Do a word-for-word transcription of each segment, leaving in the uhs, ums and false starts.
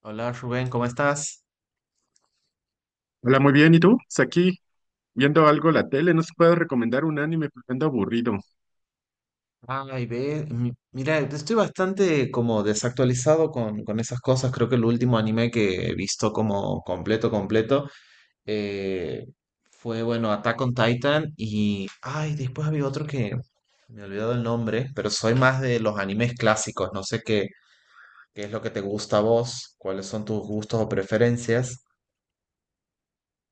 Hola Rubén, ¿cómo estás? Hola, muy bien. ¿Y tú? Pues aquí viendo algo la tele, no se puede recomendar un anime porque ando aburrido. Ay, ve, mi- mira, estoy bastante como desactualizado con, con esas cosas. Creo que el último anime que he visto como completo, completo, eh, fue, bueno, Attack on Titan y, ay, después había otro que me he olvidado el nombre, pero soy más de los animes clásicos. No sé qué, qué es lo que te gusta a vos, cuáles son tus gustos o preferencias.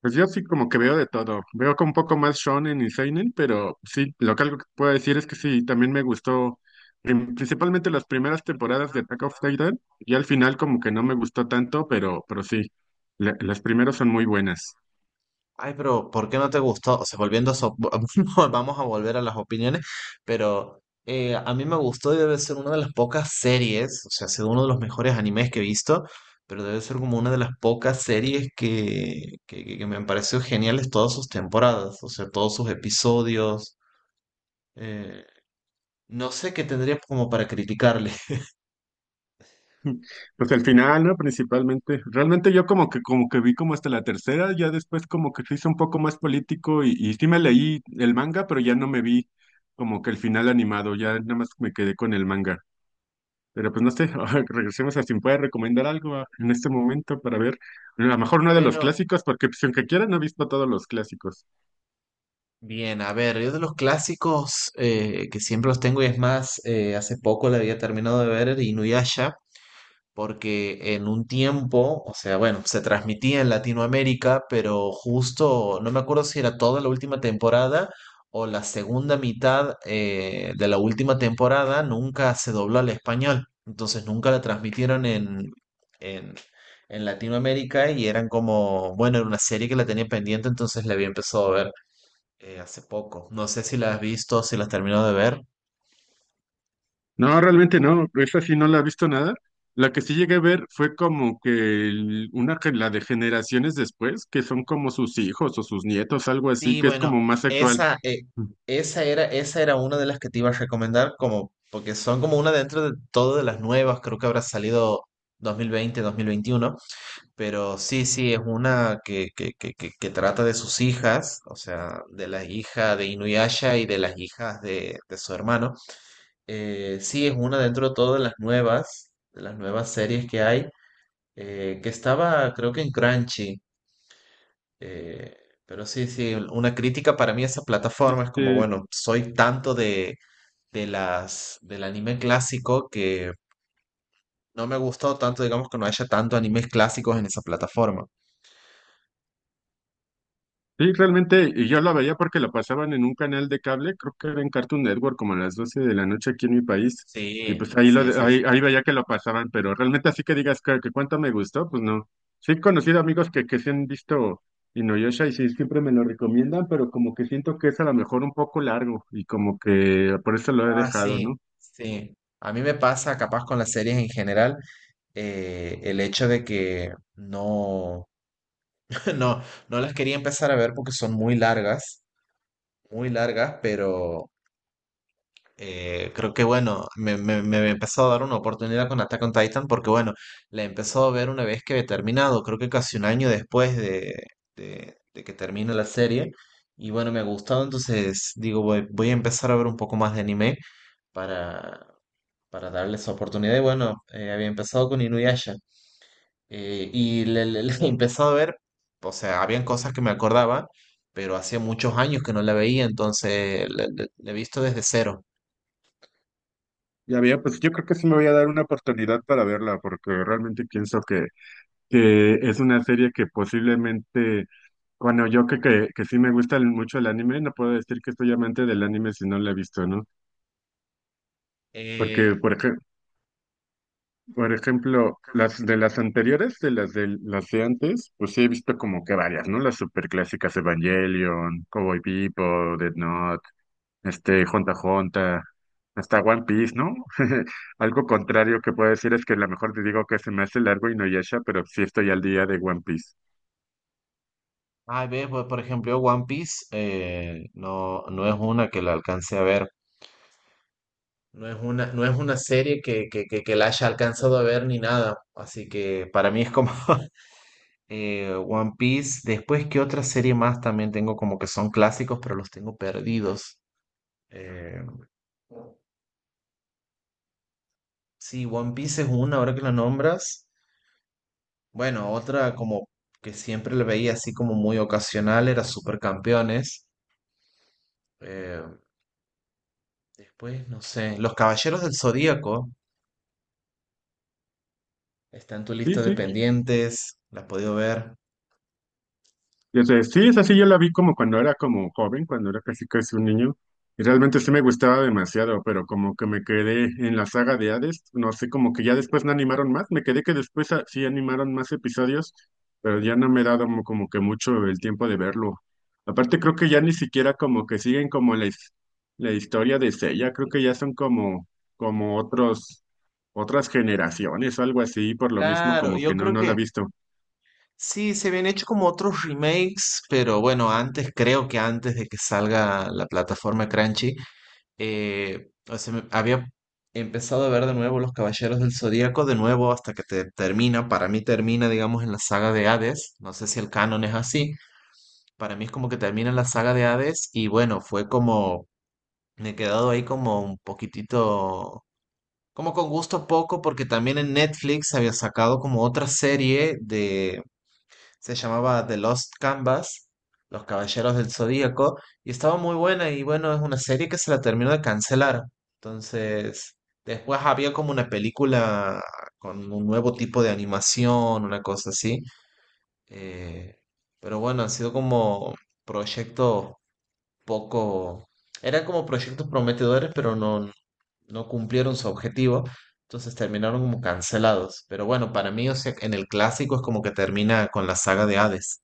Pues yo sí como que veo de todo. Veo con un poco más shonen y seinen, pero sí, lo que algo que puedo decir es que sí, también me gustó prim- principalmente las primeras temporadas de Attack of Titan y al final como que no me gustó tanto, pero, pero sí, la- las primeras son muy buenas. Ay, pero ¿por qué no te gustó? O sea, volviendo a eso, vamos a volver a las opiniones, pero eh, a mí me gustó y debe ser una de las pocas series, o sea, ha sido uno de los mejores animes que he visto, pero debe ser como una de las pocas series que, que, que- que me han parecido geniales todas sus temporadas, o sea, todos sus episodios. eh, no sé qué tendría como para criticarle. Pues al final, ¿no? Principalmente. Realmente yo como que como que vi como hasta la tercera, ya después como que se hizo un poco más político y, y sí me leí el manga, pero ya no me vi como que el final animado, ya nada más me quedé con el manga. Pero pues no sé, ahora regresemos a si me puede recomendar algo a- en este momento para ver, a lo mejor uno de los Bueno, clásicos, porque pues aunque quiera no he visto todos los clásicos. bien, a ver, yo de los clásicos eh, que siempre los tengo y es más, eh, hace poco la había terminado de ver, era Inuyasha. Porque en un tiempo, o sea, bueno, se transmitía en Latinoamérica, pero justo, no me acuerdo si era toda la última temporada o la segunda mitad eh, de la última temporada, nunca se dobló al español. Entonces nunca la transmitieron en, en, en Latinoamérica y eran como, bueno, era una serie que la tenía pendiente, entonces la había empezado a ver eh, hace poco. No sé si la has visto, si la has terminado de ver. No, realmente no, esa sí no la he visto nada. La que sí llegué a ver fue como que el- una que la de generaciones después, que son como sus hijos o sus nietos, algo así, Sí, que es bueno, como más actual. esa, eh, esa era, esa era una de las que te iba a recomendar, como, porque son como una dentro de todo de las nuevas, creo que habrá salido dos mil veinte, dos mil veintiuno, pero sí, sí, es una que, que, que, que, que trata de sus hijas, o sea, de la hija de Inuyasha y de las hijas de, de su hermano. Eh, sí, es una dentro de todo de las nuevas, de las nuevas series que hay, eh, que estaba, creo que en Crunchy. Eh, pero sí, sí, una crítica para mí a esa plataforma es como, Este, bueno, soy tanto de, de las, del anime clásico que no me ha gustado tanto, digamos, que no haya tanto animes clásicos en esa plataforma. sí, realmente, y yo la veía porque la pasaban en un canal de cable, creo que era en Cartoon Network, como a las doce de la noche aquí en mi país, y Sí, pues ahí, lo, sí, de- sí. Sí. ahí, ahí veía que lo pasaban, pero realmente así que digas que, que cuánto me gustó, pues no. Sí he conocido amigos que, que sí han visto Inuyasha y sí, siempre me lo recomiendan, pero como que siento que es a lo mejor un poco largo y como que por eso lo he Ah, dejado, ¿no? sí, sí. A mí me pasa, capaz con las series en general, eh, el hecho de que no, no, no las quería empezar a ver porque son muy largas, muy largas, pero Eh, creo que bueno, me, me, me empezó a dar una oportunidad con Attack on Titan porque bueno, la empezó a ver una vez que he terminado, creo que casi un año después de, de, de que termine la serie. Y bueno, me ha gustado, entonces digo, voy, voy a empezar a ver un poco más de anime para, para darle esa oportunidad. Y bueno, eh, había empezado con Inuyasha eh, y le, le- le he empezado a ver, o sea, habían cosas que me acordaba, pero hacía muchos años que no la veía, entonces la la- la he visto desde cero. Ya había, pues yo creo que sí me voy a dar una oportunidad para verla, porque realmente pienso que, que es una serie que posiblemente. Bueno, yo que, que, que sí me gusta el- mucho el anime, no puedo decir que soy amante del anime si no lo he visto, ¿no? Eh, Porque, por ej- por ejemplo, las de las anteriores, de las de las de antes, pues sí he visto como que varias, ¿no? Las superclásicas Evangelion, Cowboy Bebop, Death Note, este, Honta Honta, hasta One Piece, ¿no? Algo contrario que puedo decir es que a lo mejor te digo que se me hace largo y no Inuyasha, pero sí estoy al día de One Piece. ah, ves, pues, por ejemplo, One Piece eh, no, no es una que la alcance a ver, no es una, no es una serie que, que, que, que la haya alcanzado a ver ni nada, así que para mí es como eh, One Piece. Después, ¿qué otra serie más también tengo como que son clásicos, pero los tengo perdidos? Eh, sí, One Piece es una, ahora que la nombras. Bueno, otra como que siempre la veía así como muy ocasional era Supercampeones. Eh, Después, no sé, Los Caballeros del Zodíaco. Está en tu Sí, lista de sí, pendientes, la has podido ver. y es sí, es así, yo la vi como cuando era como joven, cuando era casi casi un niño, y realmente sí me gustaba demasiado, pero como que me quedé en la saga de Hades, no sé, como que ya después no animaron más, me quedé que después ah, sí animaron más episodios, pero ya no me he dado mo- como que mucho el tiempo de verlo. Aparte creo que ya ni siquiera como que siguen como la, his- la historia de Seiya, creo que ya son como, como otros, otras generaciones o algo así, por lo mismo Claro, como que yo no, creo no la he que visto. sí, se habían hecho como otros remakes, pero bueno, antes, creo que antes de que salga la plataforma Crunchy, eh, o sea, me- había empezado a ver de nuevo Los Caballeros del Zodíaco, de nuevo hasta que te termina, para mí termina, digamos, en la saga de Hades, no sé si el canon es así, para mí es como que termina en la saga de Hades y bueno, fue como, me he quedado ahí como un poquitito como con gusto poco, porque también en Netflix había sacado como otra serie de, se llamaba The Lost Canvas, Los Caballeros del Zodíaco, y estaba muy buena y bueno, es una serie que se la terminó de cancelar. Entonces, después había como una película con un nuevo tipo de animación, una cosa así. eh, pero bueno, han sido como proyectos poco, eran como proyectos prometedores, pero no, no cumplieron su objetivo, entonces terminaron como cancelados. Pero bueno, para mí, o sea, en el clásico es como que termina con la saga de Hades.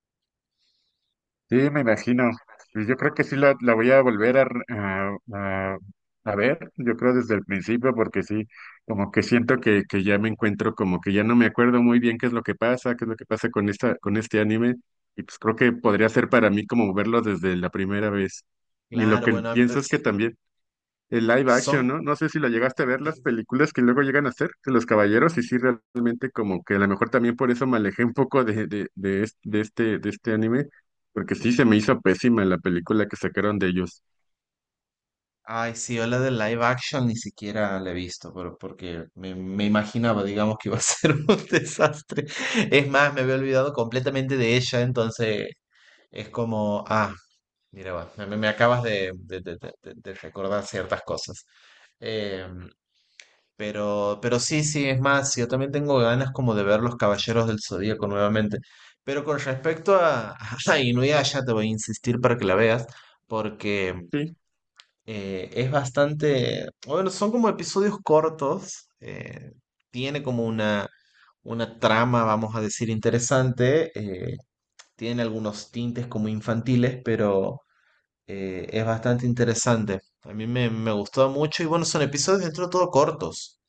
Sí, me imagino. Pues yo creo que sí la, la voy a volver a, re- a, a- a ver, yo creo desde el principio, porque sí, como que siento que, que ya me encuentro, como que ya no me acuerdo muy bien qué es lo que pasa, qué es lo que pasa con esta, con este anime, y pues creo que podría ser para mí como verlo desde la primera vez. Y lo Claro, que bueno, empe- pienso es que también el live action, son... ¿no? No sé si lo llegaste a ver las que- películas que luego llegan a hacer de los caballeros y sí realmente como que a lo mejor también por eso me alejé un poco de, de, de, es- de este, de este anime, porque sí se me hizo pésima la película que sacaron de ellos. Ay, sí, yo la de live action ni siquiera la he visto, pero porque me, me imaginaba, digamos, que iba a ser un desastre. Es más, me había olvidado completamente de ella, entonces es como, ah, mira, va, me, me acabas de, de- de- de- de- de recordar ciertas cosas. Em, Pero, pero sí, sí, es más, yo también tengo ganas como de ver Los Caballeros del Zodíaco nuevamente. Pero con respecto a, a Inuyasha, te voy a insistir para que la veas, porque Sí, eh, es bastante, bueno, son como episodios cortos, eh, tiene como una, una trama, vamos a decir, interesante, eh, tiene algunos tintes como infantiles, pero eh, es bastante interesante. A mí me, me gustó mucho y bueno, son episodios dentro de todo cortos.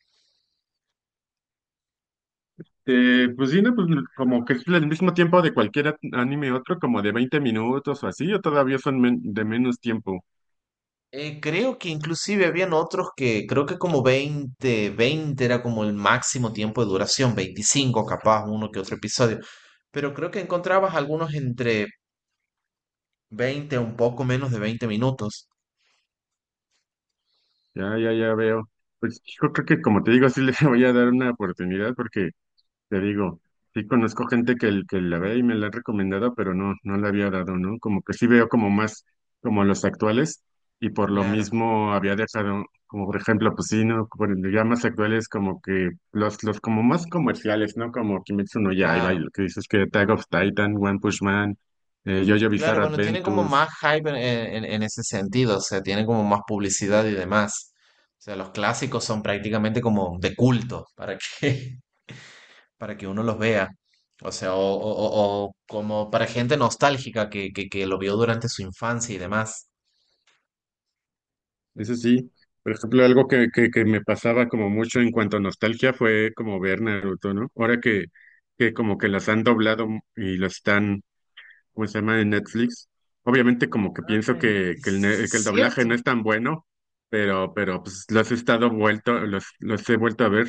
eh, pues sí, no, pues como que es el mismo tiempo de cualquier at- anime otro, como de veinte minutos o así, o todavía son men- de menos tiempo. Eh, creo que inclusive habían otros que creo que como veinte veinte era como el máximo tiempo de duración, veinticinco capaz, uno que otro episodio, pero creo que encontrabas algunos entre veinte un poco menos de veinte minutos. Ya, ya, ya veo. Pues yo creo que como te digo, sí le voy a dar una oportunidad porque… Te digo, sí conozco gente que, el- que la ve y me la ha recomendado, pero no, no la había dado, ¿no? Como que sí veo como más como los actuales y por lo Claro, mismo había dejado, como por ejemplo, pues sí, ¿no? Por el- ya más actuales como que los, los como más comerciales, ¿no? Como Kimetsu no Yaiba y claro, lo que dices que Tag of Titan, One Punch Man, eh, JoJo claro, Bizarre bueno, tienen como Adventures. más hype en, en- en ese sentido, o sea, tienen como más publicidad y demás. O sea, los clásicos son prácticamente como de culto, ¿para qué? Para que uno los vea. O sea, o, o- o- o como para gente nostálgica que, que, que lo vio durante su infancia y demás. Eso sí, por ejemplo, algo que, que, que me pasaba como mucho en cuanto a nostalgia fue como ver Naruto, ¿no? Ahora que, que como que las han doblado y lo están, ¿cómo se llama? En Netflix. Obviamente como que pienso Ay, que, que, es el, ne- que el doblaje no cierto. es tan bueno, pero, pero pues los he estado vuelto, los, los he vuelto a ver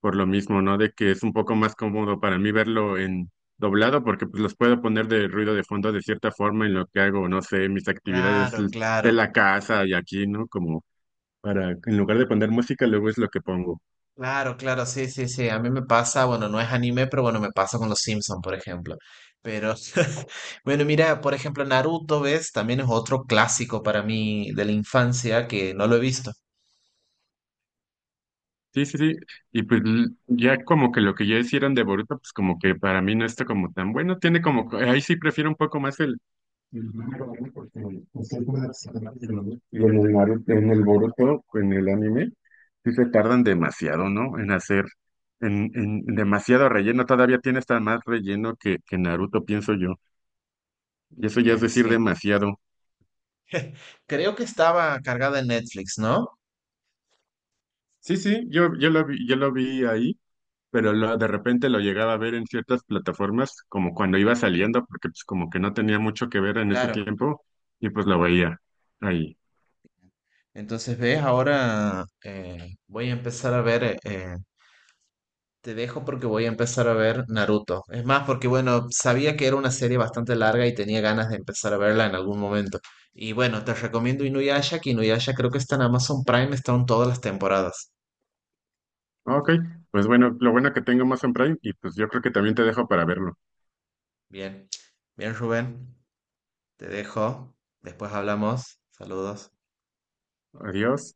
por lo mismo, ¿no? De que es un poco más cómodo para mí verlo en doblado porque pues los puedo poner de ruido de fondo de cierta forma en lo que hago, no sé, mis actividades Claro, de claro. la casa y aquí, ¿no? Como para, en lugar de poner música, luego es lo que pongo. Claro, claro, sí, sí, sí. A mí me pasa, bueno, no es anime, pero bueno, me pasa con los Simpson, por ejemplo. Pero, bueno, mira, por ejemplo, Naruto, ¿ves? También es otro clásico para mí de la infancia que no lo he visto. Sí, sí, sí. Y pues l- ya como que lo que ya hicieron de Boruto, pues como que para mí no está como tan bueno. Tiene como, co- ahí sí prefiero un poco más el… el manga, ¿no? Porque, pues, es una… Y en el Naruto, en el Boruto, en el anime, sí se tardan demasiado, ¿no? En hacer, en, en en demasiado relleno. Todavía tiene hasta más relleno que, que Naruto, pienso yo. Y eso ya es Bien, decir sí. demasiado. Creo que estaba cargada en Netflix, ¿no? Sí, sí, yo, yo lo vi, yo lo vi ahí. Pero lo- de repente lo llegaba a ver en ciertas plataformas, como cuando iba saliendo, porque pues como que no tenía mucho que ver en ese Claro. tiempo, y pues lo veía ahí. Entonces, ves, ahora eh, voy a empezar a ver, eh, te dejo porque voy a empezar a ver Naruto. Es más, porque bueno, sabía que era una serie bastante larga y tenía ganas de empezar a verla en algún momento. Y bueno, te recomiendo Inuyasha, que Inuyasha creo que está en Amazon Prime, están todas las temporadas. Ok, pues bueno, lo bueno que tengo más en Bueno, Prime, y pues yo creo que también te dejo para verlo. bien, bien Rubén, te dejo, después hablamos, saludos. Adiós.